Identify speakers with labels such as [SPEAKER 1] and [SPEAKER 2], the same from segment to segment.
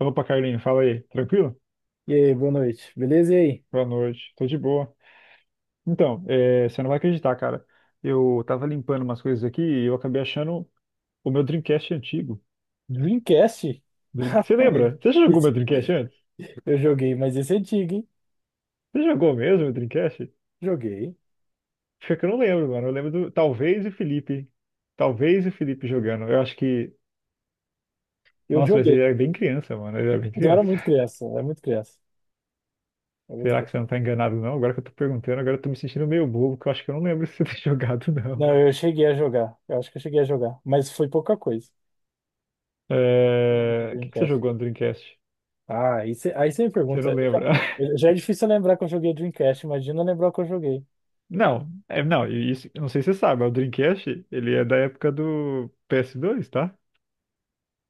[SPEAKER 1] Opa, Carlinho, fala aí. Tranquilo?
[SPEAKER 2] E aí, boa noite. Beleza? E aí?
[SPEAKER 1] Boa noite. Tô de boa. Então, é, você não vai acreditar, cara. Eu tava limpando umas coisas aqui e eu acabei achando o meu Dreamcast antigo.
[SPEAKER 2] Dreamcast?
[SPEAKER 1] Você
[SPEAKER 2] Rapaz,
[SPEAKER 1] lembra? Você já jogou meu
[SPEAKER 2] esse-
[SPEAKER 1] Dreamcast antes?
[SPEAKER 2] eu joguei, mas esse é antigo, hein?
[SPEAKER 1] Você jogou mesmo meu Dreamcast?
[SPEAKER 2] Joguei.
[SPEAKER 1] Fica que eu não lembro, mano. Eu lembro do. Talvez o Felipe. Talvez o Felipe jogando. Eu acho que.
[SPEAKER 2] Eu
[SPEAKER 1] Nossa, mas
[SPEAKER 2] joguei.
[SPEAKER 1] ele era bem criança, mano. Ele era bem
[SPEAKER 2] Mas eu era
[SPEAKER 1] criança.
[SPEAKER 2] muito criança, eu era muito criança. eu era muito
[SPEAKER 1] Será que
[SPEAKER 2] criança.
[SPEAKER 1] você não tá enganado, não? Agora que eu tô perguntando, agora eu tô me sentindo meio bobo, que eu acho que eu não lembro se você tem jogado, não.
[SPEAKER 2] Não, eu cheguei a jogar. Eu acho que eu cheguei a jogar, mas foi pouca coisa. Não, do
[SPEAKER 1] É, o que que você
[SPEAKER 2] Dreamcast.
[SPEAKER 1] jogou no Dreamcast?
[SPEAKER 2] Ah, aí cê me
[SPEAKER 1] Você não
[SPEAKER 2] pergunta.
[SPEAKER 1] lembra?
[SPEAKER 2] Já, já é difícil lembrar que eu joguei Dreamcast, imagina lembrar o que eu joguei.
[SPEAKER 1] Não, é, não, e isso, eu não sei se você sabe, mas o Dreamcast, ele é da época do PS2, tá?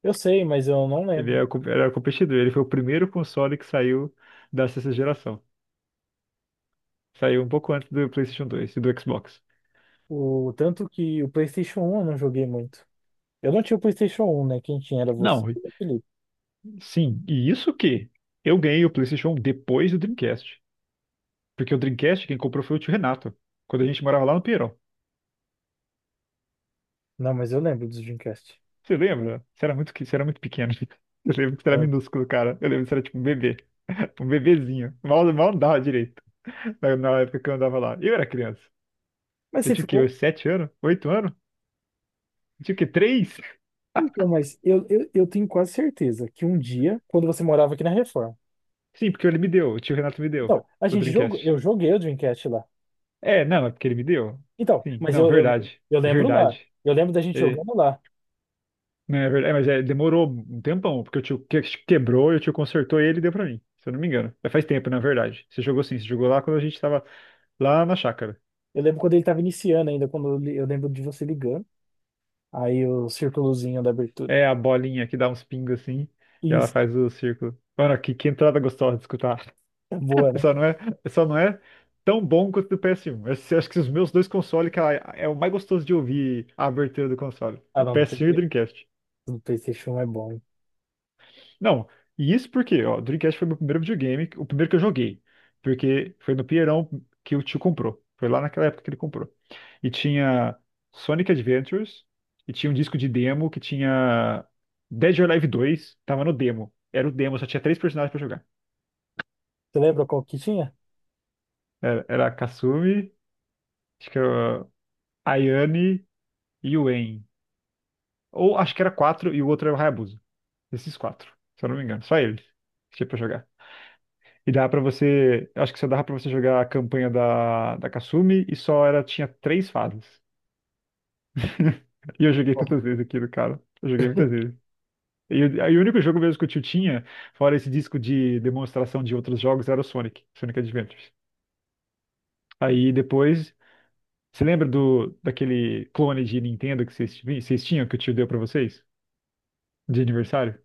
[SPEAKER 2] Eu sei, mas eu não
[SPEAKER 1] Ele
[SPEAKER 2] lembro.
[SPEAKER 1] é, era o competidor, ele foi o primeiro console que saiu da sexta geração. Saiu um pouco antes do PlayStation 2 e do Xbox.
[SPEAKER 2] O tanto que o PlayStation 1 eu não joguei muito. Eu não tinha o PlayStation 1, né? Quem tinha era você,
[SPEAKER 1] Não,
[SPEAKER 2] e o Felipe.
[SPEAKER 1] sim, e isso que eu ganhei o PlayStation depois do Dreamcast. Porque o Dreamcast quem comprou foi o tio Renato, quando a gente morava lá no Pinheirão.
[SPEAKER 2] Não, mas eu lembro do Dreamcast.
[SPEAKER 1] Você lembra? Você era muito pequeno. Eu lembro que você era
[SPEAKER 2] Lembro.
[SPEAKER 1] minúsculo, cara. Eu lembro que você era tipo um bebê, um bebezinho. Mal, mal andava direito. Na época que eu andava lá. Eu era criança.
[SPEAKER 2] Mas
[SPEAKER 1] Eu
[SPEAKER 2] você
[SPEAKER 1] tinha o quê?
[SPEAKER 2] ficou?
[SPEAKER 1] Uns 7 anos? 8 anos? Eu tinha o quê? Três?
[SPEAKER 2] Então, mas eu tenho quase certeza que um dia, quando você morava aqui na Reforma.
[SPEAKER 1] Sim, porque ele me deu. O tio Renato me deu
[SPEAKER 2] Então, a
[SPEAKER 1] o
[SPEAKER 2] gente
[SPEAKER 1] Dreamcast.
[SPEAKER 2] jogou, eu joguei o Dreamcast lá.
[SPEAKER 1] É, não, é porque ele me deu.
[SPEAKER 2] Então,
[SPEAKER 1] Sim,
[SPEAKER 2] mas
[SPEAKER 1] não,
[SPEAKER 2] eu, eu,
[SPEAKER 1] verdade.
[SPEAKER 2] eu lembro lá.
[SPEAKER 1] Verdade.
[SPEAKER 2] Eu lembro da gente
[SPEAKER 1] É,
[SPEAKER 2] jogando lá.
[SPEAKER 1] não, é verdade. É, mas é, demorou um tempão, porque o tio quebrou e o tio consertou ele e deu pra mim. Se eu não me engano. É, faz tempo, na verdade. Você jogou sim, você jogou lá quando a gente tava lá na chácara.
[SPEAKER 2] Eu lembro quando ele estava iniciando ainda, eu lembro de você ligando. Aí o círculozinho da abertura.
[SPEAKER 1] É a bolinha que dá uns pingos assim, e ela
[SPEAKER 2] Isso,
[SPEAKER 1] faz o círculo. Mano, que entrada gostosa de escutar.
[SPEAKER 2] é boa, né?
[SPEAKER 1] Só não é, só não é tão bom quanto do PS1. Acho que os meus dois consoles, cara, é o mais gostoso de ouvir a abertura do console.
[SPEAKER 2] Ah,
[SPEAKER 1] O
[SPEAKER 2] não, do
[SPEAKER 1] PS1 e o
[SPEAKER 2] PT
[SPEAKER 1] Dreamcast.
[SPEAKER 2] do PlayStation 1 é bom, hein?
[SPEAKER 1] Não, e isso porque, ó, o Dreamcast foi meu primeiro videogame, o primeiro que eu joguei. Porque foi no Pinheirão que o tio comprou. Foi lá naquela época que ele comprou. E tinha Sonic Adventures, e tinha um disco de demo que tinha Dead or Alive 2, tava no demo. Era o demo, só tinha três personagens pra jogar.
[SPEAKER 2] Você lembra qual que tinha?
[SPEAKER 1] Era a Kasumi, acho que era a Ayane e o Wen. Ou acho que era quatro e o outro era o Hayabusa. Esses quatro, se eu não me engano. Só eles que tinha pra jogar. E dava pra você. Eu acho que só dava pra você jogar a campanha da Kasumi e tinha três fases. E eu joguei
[SPEAKER 2] Ó,
[SPEAKER 1] tantas vezes aquilo, cara. Eu joguei muitas vezes. E o único jogo mesmo que o tio tinha, fora esse disco de demonstração de outros jogos, era o Sonic Adventures. Aí depois. Você lembra daquele clone de Nintendo que vocês tinham, que o tio deu pra vocês? De aniversário?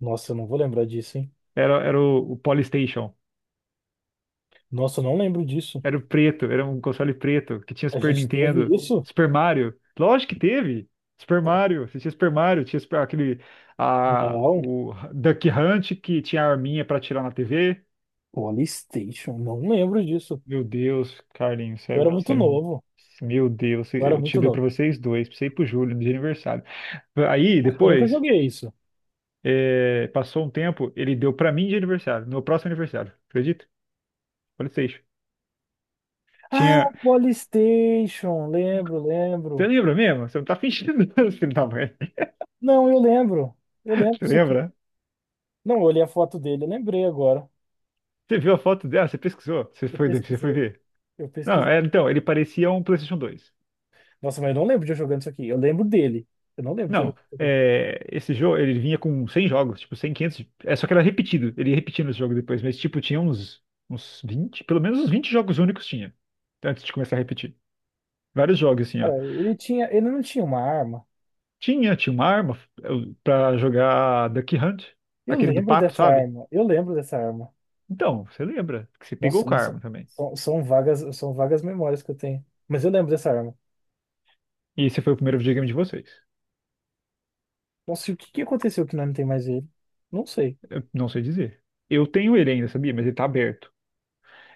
[SPEAKER 2] nossa, eu não vou lembrar disso, hein?
[SPEAKER 1] Era o Polystation.
[SPEAKER 2] Nossa, eu não lembro disso.
[SPEAKER 1] Era o preto, era um console preto, que tinha
[SPEAKER 2] A
[SPEAKER 1] Super
[SPEAKER 2] gente teve
[SPEAKER 1] Nintendo,
[SPEAKER 2] isso?
[SPEAKER 1] Super Mario. Lógico que teve. Super Mario, você tinha Super Mario, tinha
[SPEAKER 2] Não.
[SPEAKER 1] o Duck Hunt que tinha a arminha pra atirar na TV.
[SPEAKER 2] PlayStation, não lembro disso.
[SPEAKER 1] Meu Deus, Carlinhos,
[SPEAKER 2] Eu era muito novo.
[SPEAKER 1] meu Deus,
[SPEAKER 2] Eu era
[SPEAKER 1] eu te
[SPEAKER 2] muito
[SPEAKER 1] dei pra
[SPEAKER 2] novo.
[SPEAKER 1] vocês dois, pra você e pro Júlio, de aniversário. Aí,
[SPEAKER 2] Acho que eu nunca
[SPEAKER 1] depois,
[SPEAKER 2] joguei isso.
[SPEAKER 1] é, passou um tempo, ele deu pra mim de aniversário, no meu próximo aniversário, acredita? PlayStation.
[SPEAKER 2] Ah,
[SPEAKER 1] Tinha.
[SPEAKER 2] PlayStation, lembro,
[SPEAKER 1] Você
[SPEAKER 2] lembro.
[SPEAKER 1] lembra mesmo? Você não tá fingindo, filho da mãe.
[SPEAKER 2] Não, eu lembro. Eu lembro
[SPEAKER 1] Você
[SPEAKER 2] isso aqui.
[SPEAKER 1] lembra?
[SPEAKER 2] Não, eu olhei a foto dele, eu lembrei agora.
[SPEAKER 1] Você viu a foto dela? Você pesquisou? Você
[SPEAKER 2] Eu
[SPEAKER 1] foi, você foi
[SPEAKER 2] pesquisei.
[SPEAKER 1] ver?
[SPEAKER 2] Eu
[SPEAKER 1] Não,
[SPEAKER 2] pesquisei.
[SPEAKER 1] é, então, ele parecia um PlayStation 2.
[SPEAKER 2] Nossa, mas eu não lembro de eu jogando isso aqui. Eu lembro dele. Eu não lembro de eu
[SPEAKER 1] Não,
[SPEAKER 2] jogando isso aqui.
[SPEAKER 1] é, esse jogo, ele vinha com 100 jogos, tipo, 100 500. É, só que era repetido, ele ia repetindo os jogos depois, mas, tipo, tinha uns 20, pelo menos uns 20 jogos únicos tinha, antes de começar a repetir. Vários jogos, assim, ó.
[SPEAKER 2] Cara, ele tinha, ele não tinha uma arma.
[SPEAKER 1] Tinha uma arma pra jogar Duck Hunt,
[SPEAKER 2] Eu
[SPEAKER 1] aquele do
[SPEAKER 2] lembro
[SPEAKER 1] pato,
[SPEAKER 2] dessa
[SPEAKER 1] sabe?
[SPEAKER 2] arma. Eu lembro dessa arma.
[SPEAKER 1] Então, você lembra que você pegou
[SPEAKER 2] Nossa,
[SPEAKER 1] com a
[SPEAKER 2] mas são,
[SPEAKER 1] arma também.
[SPEAKER 2] são, são vagas, são vagas memórias que eu tenho. Mas eu lembro dessa arma.
[SPEAKER 1] E esse foi o primeiro videogame de vocês.
[SPEAKER 2] Nossa, e o que que aconteceu que nós não tem mais ele? Não sei.
[SPEAKER 1] Eu não sei dizer. Eu tenho ele ainda, sabia? Mas ele tá aberto.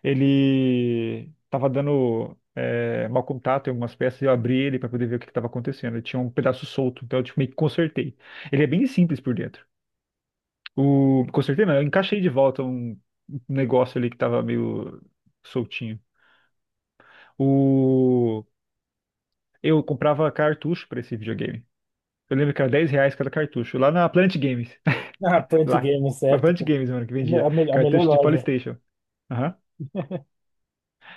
[SPEAKER 1] Ele estava dando mau contato em algumas peças, e eu abri ele para poder ver o que estava acontecendo. Ele tinha um pedaço solto, então eu tipo, meio que consertei. Ele é bem simples por dentro. O Consertei não, eu encaixei de volta um negócio ali que estava meio soltinho. O Eu comprava cartucho para esse videogame. Eu lembro que era 10 reais cada cartucho, lá na Planet Games.
[SPEAKER 2] Ah, Punch
[SPEAKER 1] Lá,
[SPEAKER 2] Games,
[SPEAKER 1] na Planet
[SPEAKER 2] épico.
[SPEAKER 1] Games, mano, que
[SPEAKER 2] A, me-
[SPEAKER 1] vendia
[SPEAKER 2] a me- a melhor
[SPEAKER 1] cartucho de
[SPEAKER 2] loja.
[SPEAKER 1] PlayStation. Aham.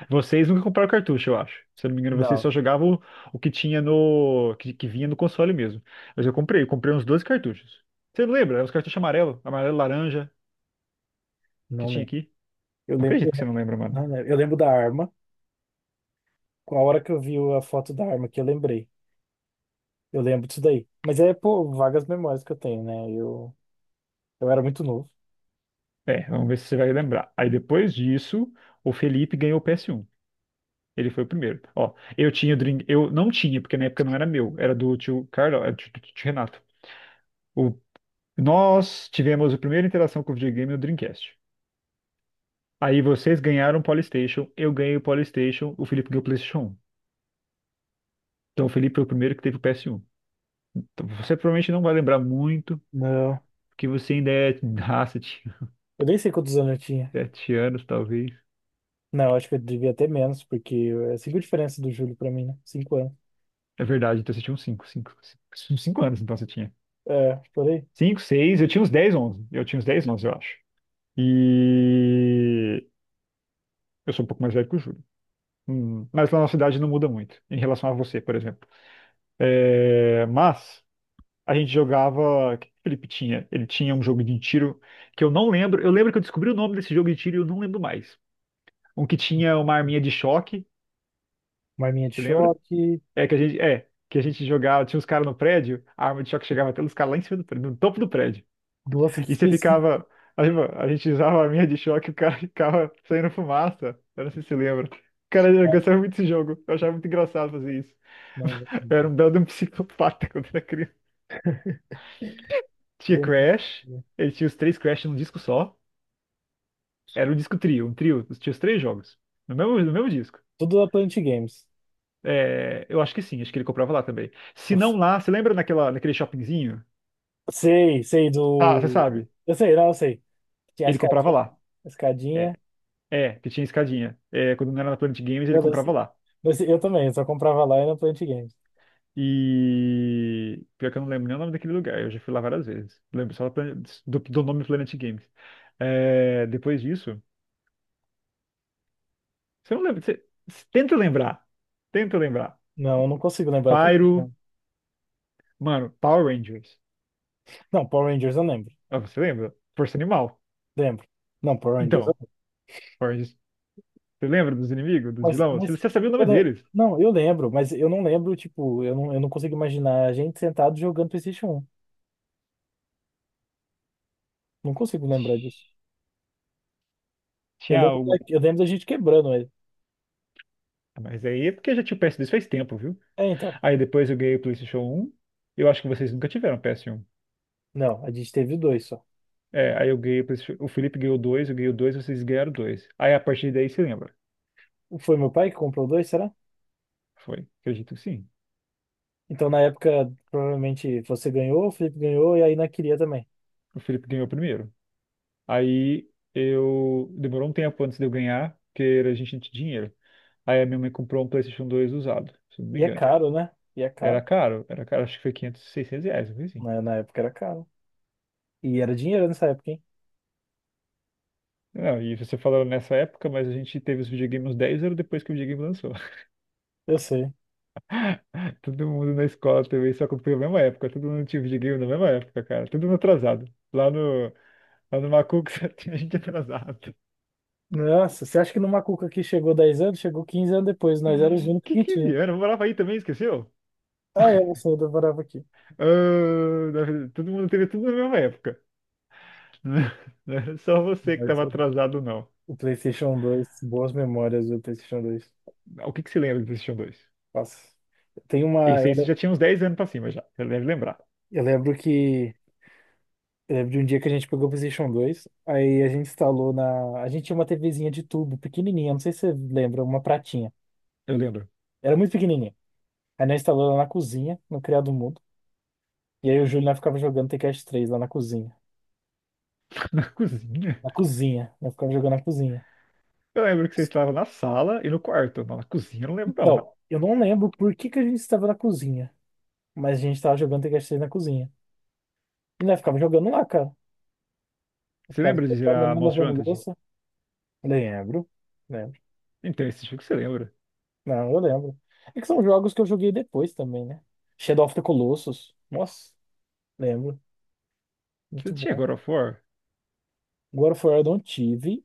[SPEAKER 1] Vocês nunca compraram cartucho, eu acho. Se eu não me engano, vocês
[SPEAKER 2] Não,
[SPEAKER 1] só jogavam o que tinha no. Que vinha no console mesmo. Mas eu comprei uns 12 cartuchos. Você não lembra? Eram os cartuchos amarelo, amarelo laranja que
[SPEAKER 2] não
[SPEAKER 1] tinha
[SPEAKER 2] lembro.
[SPEAKER 1] aqui.
[SPEAKER 2] Eu
[SPEAKER 1] Não
[SPEAKER 2] lembro, eu
[SPEAKER 1] acredito que você
[SPEAKER 2] lembro
[SPEAKER 1] não lembra, mano.
[SPEAKER 2] não lembro. Eu lembro da arma. Com a hora que eu vi a foto da arma que eu lembrei. Eu lembro disso daí. Mas é, pô, vagas memórias que eu tenho, né? Eu era muito novo.
[SPEAKER 1] É, vamos ver se você vai lembrar. Aí depois disso, o Felipe ganhou o PS1. Ele foi o primeiro. Ó, eu tinha o Dream. Eu não tinha, porque na época não era meu. Era do tio Carlos, era do tio Renato. O... Nós tivemos a primeira interação com o videogame no Dreamcast. Aí vocês ganharam o PlayStation, eu ganhei o PlayStation, o Felipe ganhou o PlayStation 1. Então o Felipe foi o primeiro que teve o PS1. Então, você provavelmente não vai lembrar muito,
[SPEAKER 2] Não.
[SPEAKER 1] porque você ainda é de raça, tinha
[SPEAKER 2] Eu nem sei quantos anos eu tinha.
[SPEAKER 1] 7 anos, talvez.
[SPEAKER 2] Não, eu acho que eu devia ter menos, porque é cinco diferença do Júlio pra mim, né? 5 anos.
[SPEAKER 1] É verdade, então você tinha uns cinco, cinco, 5, 5 anos, então você tinha.
[SPEAKER 2] É, por aí.
[SPEAKER 1] 5, 6, eu tinha uns 10, 11. Eu tinha uns 10 11, eu acho. E eu sou um pouco mais velho que o Júlio. Mas na nossa idade não muda muito, em relação a você, por exemplo. É, mas. A gente jogava. O que que o Felipe tinha? Ele tinha um jogo de tiro que eu não lembro. Eu lembro que eu descobri o nome desse jogo de tiro e eu não lembro mais. Um que tinha uma arminha de choque,
[SPEAKER 2] Marminha de
[SPEAKER 1] você lembra?
[SPEAKER 2] choque,
[SPEAKER 1] É que a gente. É. Que a gente jogava, tinha uns caras no prédio, a arma de choque chegava até os caras lá em cima do prédio, no topo do prédio.
[SPEAKER 2] duas
[SPEAKER 1] E você
[SPEAKER 2] específicas.
[SPEAKER 1] ficava. A gente usava a arminha de choque e o cara ficava saindo fumaça. Eu não sei se você lembra. Cara, eu gostava muito desse jogo. Eu achava muito engraçado fazer isso.
[SPEAKER 2] Não, não.
[SPEAKER 1] Eu era um belo de um psicopata quando era criança. Tinha
[SPEAKER 2] Eu não-
[SPEAKER 1] Crash, ele tinha os três Crash num disco só. Era o disco Trio, um trio, tinha os três jogos. No mesmo disco.
[SPEAKER 2] Tudo da Plant Games.
[SPEAKER 1] É, eu acho que sim, acho que ele comprava lá também. Se não lá, você lembra naquele shoppingzinho?
[SPEAKER 2] Sei, sei
[SPEAKER 1] Ah, você
[SPEAKER 2] do.
[SPEAKER 1] sabe.
[SPEAKER 2] Eu sei, não, eu sei. Tinha a
[SPEAKER 1] Ele comprava
[SPEAKER 2] escadinha.
[SPEAKER 1] lá.
[SPEAKER 2] A
[SPEAKER 1] É,
[SPEAKER 2] Escadinha.
[SPEAKER 1] é, que tinha escadinha. É, quando não era na Planet Games, ele
[SPEAKER 2] Eu, não
[SPEAKER 1] comprava
[SPEAKER 2] sei.
[SPEAKER 1] lá.
[SPEAKER 2] Mas eu também, eu só comprava lá e na Plant Games.
[SPEAKER 1] Pior que eu não lembro nem o nome daquele lugar, eu já fui lá várias vezes. Lembro só do nome Planet Games. É, depois disso, você não lembra. Você, tenta lembrar. Tenta lembrar.
[SPEAKER 2] Não, eu não consigo lembrar do
[SPEAKER 1] Pyro,
[SPEAKER 2] PlayStation.
[SPEAKER 1] mano, Power Rangers.
[SPEAKER 2] Não, Power Rangers eu lembro.
[SPEAKER 1] Ah, você lembra? Força Animal.
[SPEAKER 2] Lembro. Não, Power Rangers eu
[SPEAKER 1] Então,
[SPEAKER 2] lembro.
[SPEAKER 1] Forges, você lembra dos inimigos, dos
[SPEAKER 2] Mas,
[SPEAKER 1] vilões? Você
[SPEAKER 2] mas
[SPEAKER 1] você sabia o
[SPEAKER 2] eu
[SPEAKER 1] nome
[SPEAKER 2] le-
[SPEAKER 1] deles.
[SPEAKER 2] não, eu lembro, mas eu não lembro, tipo, eu não consigo imaginar a gente sentado jogando PlayStation 1. Não consigo lembrar disso.
[SPEAKER 1] Tinha algo.
[SPEAKER 2] Eu lembro da gente quebrando ele.
[SPEAKER 1] Mas aí é porque eu já tinha o PS2 faz tempo, viu?
[SPEAKER 2] É, então.
[SPEAKER 1] Aí depois eu ganhei o PlayStation 1. Eu acho que vocês nunca tiveram PS1.
[SPEAKER 2] Não, a gente teve dois só.
[SPEAKER 1] É, aí eu ganhei o PlayStation. O Felipe ganhou dois, eu ganhei o dois, vocês ganharam dois. Aí a partir daí você lembra.
[SPEAKER 2] Foi meu pai que comprou dois, será?
[SPEAKER 1] Foi, acredito que sim.
[SPEAKER 2] Então, na época, provavelmente você ganhou, o Felipe ganhou e a Ina queria também.
[SPEAKER 1] O Felipe ganhou o primeiro. Aí eu. Demorou um tempo antes de eu ganhar, porque a gente não tinha dinheiro. Aí a minha mãe comprou um PlayStation 2 usado, se eu não me
[SPEAKER 2] E é
[SPEAKER 1] engano.
[SPEAKER 2] caro, né? E é caro.
[SPEAKER 1] Era caro, acho que foi 500, R$ 600, não foi.
[SPEAKER 2] Na época era caro. E era dinheiro nessa época, hein?
[SPEAKER 1] Não, e você falou nessa época, mas a gente teve os videogames dez 10 anos depois que o videogame lançou.
[SPEAKER 2] Eu sei.
[SPEAKER 1] Todo mundo na escola também só comprou na mesma época. Todo mundo tinha videogame na mesma época, cara. Todo mundo atrasado. Lá no, lá no Macuco só tinha gente atrasado.
[SPEAKER 2] Nossa, você acha que no Macuca que chegou 10 anos, chegou 15 anos depois. Nós éramos os únicos
[SPEAKER 1] Que
[SPEAKER 2] que
[SPEAKER 1] 15
[SPEAKER 2] tinha.
[SPEAKER 1] anos? Eu morava aí também, esqueceu?
[SPEAKER 2] Ah, é, você ainda morava aqui.
[SPEAKER 1] Ah, na verdade, todo mundo teve tudo na mesma época. Não era só você que
[SPEAKER 2] Mas
[SPEAKER 1] estava
[SPEAKER 2] o,
[SPEAKER 1] atrasado, não.
[SPEAKER 2] o PlayStation 2 boas memórias do PlayStation 2.
[SPEAKER 1] O que que você lembra do PlayStation 2?
[SPEAKER 2] Nossa. Tem uma.
[SPEAKER 1] Esse aí você já tinha uns 10 anos pra cima já, você deve lembrar.
[SPEAKER 2] Eu lembro que eu lembro de um dia que a gente pegou o PlayStation 2, aí a gente instalou na. A gente tinha uma TVzinha de tubo, pequenininha, não sei se você lembra, uma pratinha.
[SPEAKER 1] Eu lembro.
[SPEAKER 2] Era muito pequenininha. Aí nós instalou lá na cozinha, no Criado Mudo. E aí o Júlio nós ficava jogando Tekken 3 lá na cozinha.
[SPEAKER 1] Na cozinha.
[SPEAKER 2] Na cozinha, nós ficava jogando na cozinha.
[SPEAKER 1] Eu lembro que você estava na sala e no quarto, mas na cozinha eu não lembro não.
[SPEAKER 2] Então, eu não lembro por que que a gente estava na cozinha, mas a gente estava jogando Tekken 3 na cozinha. E nós ficava jogando lá, cara. Eu
[SPEAKER 1] Você
[SPEAKER 2] ficava
[SPEAKER 1] lembra de girar
[SPEAKER 2] jogando,
[SPEAKER 1] Most
[SPEAKER 2] lavando
[SPEAKER 1] Wanted?
[SPEAKER 2] louça. Lembro. Lembro.
[SPEAKER 1] Então, esse jogo você lembra.
[SPEAKER 2] Não, eu lembro. É que são jogos que eu joguei depois também, né? Shadow of the Colossus. Nossa, lembro.
[SPEAKER 1] Você
[SPEAKER 2] Muito
[SPEAKER 1] tinha
[SPEAKER 2] bom.
[SPEAKER 1] God of War?
[SPEAKER 2] God of War eu não tive,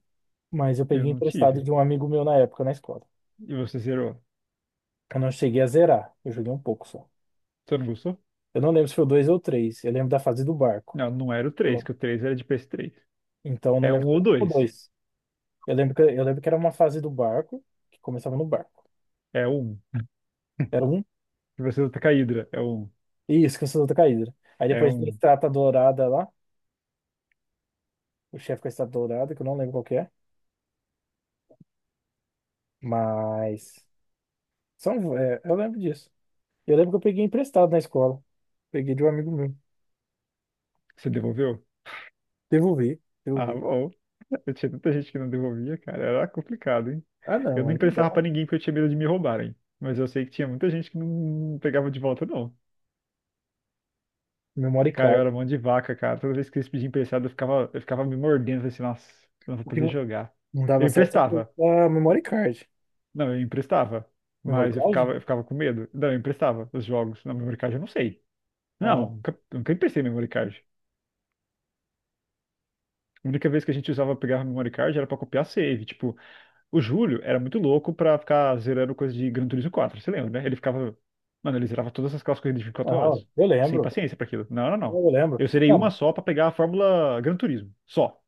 [SPEAKER 2] mas eu
[SPEAKER 1] Eu
[SPEAKER 2] peguei
[SPEAKER 1] não
[SPEAKER 2] emprestado
[SPEAKER 1] tive.
[SPEAKER 2] de um amigo meu na época na escola.
[SPEAKER 1] E você zerou?
[SPEAKER 2] Eu não cheguei a zerar. Eu joguei um pouco só.
[SPEAKER 1] Você não gostou?
[SPEAKER 2] Eu não lembro se foi o 2 ou o 3. Eu lembro da fase do barco.
[SPEAKER 1] Não, não era o
[SPEAKER 2] Eu
[SPEAKER 1] 3.
[SPEAKER 2] não-
[SPEAKER 1] Que o três era de ps três.
[SPEAKER 2] Então eu não
[SPEAKER 1] É um
[SPEAKER 2] lembro se
[SPEAKER 1] ou
[SPEAKER 2] era o
[SPEAKER 1] dois.
[SPEAKER 2] 2. Eu lembro que era uma fase do barco, que começava no barco.
[SPEAKER 1] É um.
[SPEAKER 2] Era um.
[SPEAKER 1] E você luta com a Hydra. É um.
[SPEAKER 2] Isso, Caçador da Caída. Aí
[SPEAKER 1] É
[SPEAKER 2] depois tem a
[SPEAKER 1] um.
[SPEAKER 2] Estátua Dourada lá. O chefe com a Estátua Dourada, que eu não lembro qual que é. Mas. São, é, eu lembro disso. Eu lembro que eu peguei emprestado na escola. Peguei de um amigo meu.
[SPEAKER 1] Você devolveu?
[SPEAKER 2] Devolvi,
[SPEAKER 1] Ah,
[SPEAKER 2] devolvi.
[SPEAKER 1] bom. Eu tinha tanta gente que não devolvia, cara. Era complicado, hein?
[SPEAKER 2] Ah,
[SPEAKER 1] Eu
[SPEAKER 2] não,
[SPEAKER 1] não
[SPEAKER 2] aí não dá.
[SPEAKER 1] emprestava pra ninguém porque eu tinha medo de me roubarem. Mas eu sei que tinha muita gente que não pegava de volta, não.
[SPEAKER 2] Memory
[SPEAKER 1] Cara, eu
[SPEAKER 2] card.
[SPEAKER 1] era mão de vaca, cara. Toda vez que eles pediam emprestado, eu ficava me mordendo, falei assim, nossa, não vou
[SPEAKER 2] O que
[SPEAKER 1] poder jogar.
[SPEAKER 2] não
[SPEAKER 1] Eu
[SPEAKER 2] dava certo
[SPEAKER 1] emprestava.
[SPEAKER 2] era a memory card.
[SPEAKER 1] Não, eu emprestava.
[SPEAKER 2] Memory
[SPEAKER 1] Mas eu
[SPEAKER 2] card?
[SPEAKER 1] ficava, eu ficava com medo. Não, eu emprestava os jogos. Na memory card eu não sei.
[SPEAKER 2] Ah,
[SPEAKER 1] Não, nunca emprestei memory card. A única vez que a gente usava pegar memory card era pra copiar save. Tipo, o Júlio era muito louco pra ficar zerando coisa de Gran Turismo 4, você lembra, né? Ele ficava. Mano, ele zerava todas essas aquelas corridas de 24 horas.
[SPEAKER 2] eu
[SPEAKER 1] Sem
[SPEAKER 2] lembro.
[SPEAKER 1] paciência pra aquilo. Não, não, não.
[SPEAKER 2] Eu lembro.
[SPEAKER 1] Eu zerei uma
[SPEAKER 2] Não,
[SPEAKER 1] só pra pegar a Fórmula Gran Turismo. Só.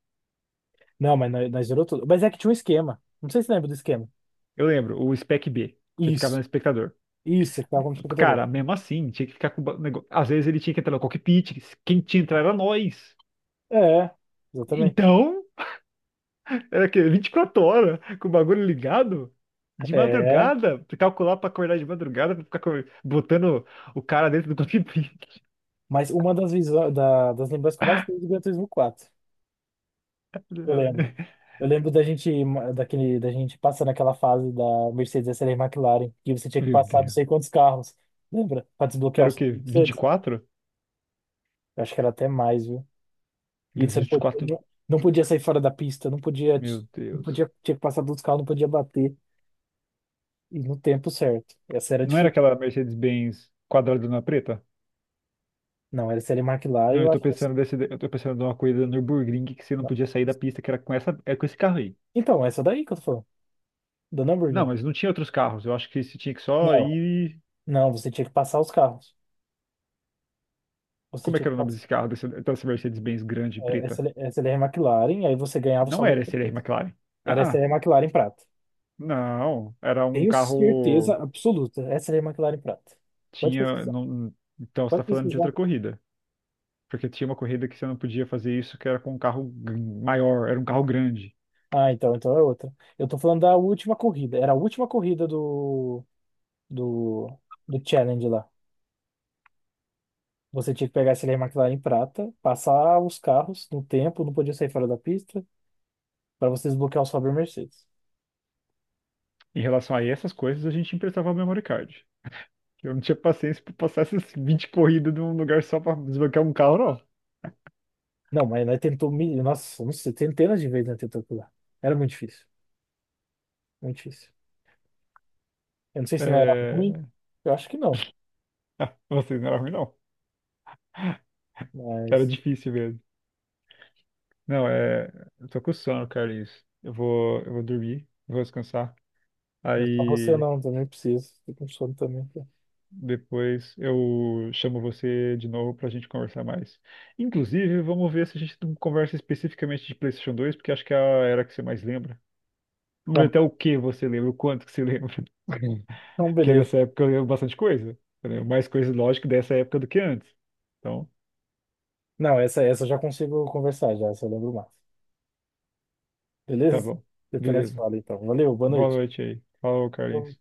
[SPEAKER 2] não, mas nós zerou tudo. Mas é que tinha um esquema. Não sei se lembra do esquema.
[SPEAKER 1] Eu lembro, o Spec B. Você ficava no
[SPEAKER 2] Isso,
[SPEAKER 1] espectador.
[SPEAKER 2] isso, você tava no computador.
[SPEAKER 1] Cara, mesmo assim, tinha que ficar com o negócio. Às vezes ele tinha que entrar no cockpit, quem tinha que entrar era nós.
[SPEAKER 2] É, exatamente.
[SPEAKER 1] Então, era que 24 horas com o bagulho ligado. De
[SPEAKER 2] É,
[SPEAKER 1] madrugada, pra calcular pra acordar de madrugada, pra ficar botando o cara dentro do cockpit.
[SPEAKER 2] mas uma das, visões, das lembranças que eu mais tenho é do Gran Turismo 4. Eu
[SPEAKER 1] Meu
[SPEAKER 2] lembro. Eu lembro da gente passar naquela fase da Mercedes SL McLaren, que você tinha que passar não
[SPEAKER 1] Deus.
[SPEAKER 2] sei quantos carros, lembra? Para desbloquear
[SPEAKER 1] Era o
[SPEAKER 2] os
[SPEAKER 1] quê? Vinte e
[SPEAKER 2] Mercedes.
[SPEAKER 1] quatro?
[SPEAKER 2] Eu acho que era até mais, viu? E
[SPEAKER 1] Ingresso
[SPEAKER 2] você
[SPEAKER 1] 24?
[SPEAKER 2] não podia sair fora da pista,
[SPEAKER 1] Meu
[SPEAKER 2] não
[SPEAKER 1] Deus.
[SPEAKER 2] podia, tinha que passar dos carros, não podia bater e no tempo certo. Essa era
[SPEAKER 1] Não era
[SPEAKER 2] difícil.
[SPEAKER 1] aquela Mercedes-Benz quadradona preta?
[SPEAKER 2] Não, era SL McLaren,
[SPEAKER 1] Não, eu
[SPEAKER 2] eu
[SPEAKER 1] tô
[SPEAKER 2] acho.
[SPEAKER 1] pensando desse, eu tô pensando numa corrida no Nürburgring que você não
[SPEAKER 2] Não.
[SPEAKER 1] podia sair da pista, que era com esse carro aí.
[SPEAKER 2] Então, é essa daí que eu tô falando, da
[SPEAKER 1] Não,
[SPEAKER 2] Nürburgring.
[SPEAKER 1] mas não tinha outros carros. Eu acho que você tinha que só
[SPEAKER 2] Não,
[SPEAKER 1] ir.
[SPEAKER 2] não, você tinha que passar os carros. Você
[SPEAKER 1] Como é
[SPEAKER 2] tinha
[SPEAKER 1] que
[SPEAKER 2] que
[SPEAKER 1] era o nome
[SPEAKER 2] passar
[SPEAKER 1] desse carro, dessa Mercedes-Benz grande
[SPEAKER 2] é,
[SPEAKER 1] preta?
[SPEAKER 2] SL McLaren, aí você ganhava o
[SPEAKER 1] Não
[SPEAKER 2] saldo.
[SPEAKER 1] era esse era McLaren.
[SPEAKER 2] Era
[SPEAKER 1] Ah,
[SPEAKER 2] essa aí,
[SPEAKER 1] ah,
[SPEAKER 2] a McLaren prata.
[SPEAKER 1] não. Era um
[SPEAKER 2] Tenho certeza
[SPEAKER 1] carro.
[SPEAKER 2] absoluta. Essa é a McLaren prata. Pode
[SPEAKER 1] Tinha.
[SPEAKER 2] pesquisar.
[SPEAKER 1] Então você
[SPEAKER 2] Pode
[SPEAKER 1] tá falando de
[SPEAKER 2] pesquisar.
[SPEAKER 1] outra corrida. Porque tinha uma corrida que você não podia fazer isso, que era com um maior, era um carro grande.
[SPEAKER 2] Ah, então é outra. Eu tô falando da última corrida. Era a última corrida do, do Challenge lá. Você tinha que pegar essa aí, a McLaren prata, passar os carros no tempo, não podia sair fora da pista, para você desbloquear o Sauber Mercedes.
[SPEAKER 1] Em relação a essas coisas, a gente emprestava o memory card. Eu não tinha paciência para passar essas 20 corridas num lugar só para desbloquear um carro, não.
[SPEAKER 2] Não, mas nós tentou, nossa, não sei, centenas de vezes nós tentou pular. Era muito difícil, muito difícil. Eu não sei se não era ruim,
[SPEAKER 1] É...
[SPEAKER 2] eu acho que não,
[SPEAKER 1] Ah, vocês não era ruim, não. Era
[SPEAKER 2] mas
[SPEAKER 1] difícil mesmo. Não, é... Eu tô com sono, Carlinhos. Eu vou dormir, vou descansar.
[SPEAKER 2] não é só você
[SPEAKER 1] Aí
[SPEAKER 2] não, também preciso. Tô com sono também, tá?
[SPEAKER 1] depois eu chamo você de novo para a gente conversar mais. Inclusive, vamos ver se a gente não conversa especificamente de PlayStation 2, porque acho que é a era que você mais lembra. Vamos
[SPEAKER 2] Tá
[SPEAKER 1] ver
[SPEAKER 2] bom.
[SPEAKER 1] até o que você lembra, o quanto que você lembra.
[SPEAKER 2] Então,
[SPEAKER 1] Porque
[SPEAKER 2] beleza.
[SPEAKER 1] dessa época eu lembro bastante coisa. Eu lembro mais coisa, lógico, dessa época do que antes. Então,
[SPEAKER 2] Não, essa eu já consigo conversar já, essa eu lembro mais.
[SPEAKER 1] tá
[SPEAKER 2] Beleza?
[SPEAKER 1] bom.
[SPEAKER 2] Depois nós
[SPEAKER 1] Beleza.
[SPEAKER 2] fala então. Valeu, boa
[SPEAKER 1] Boa
[SPEAKER 2] noite.
[SPEAKER 1] noite aí. Falou,
[SPEAKER 2] Boa
[SPEAKER 1] Carlinhos.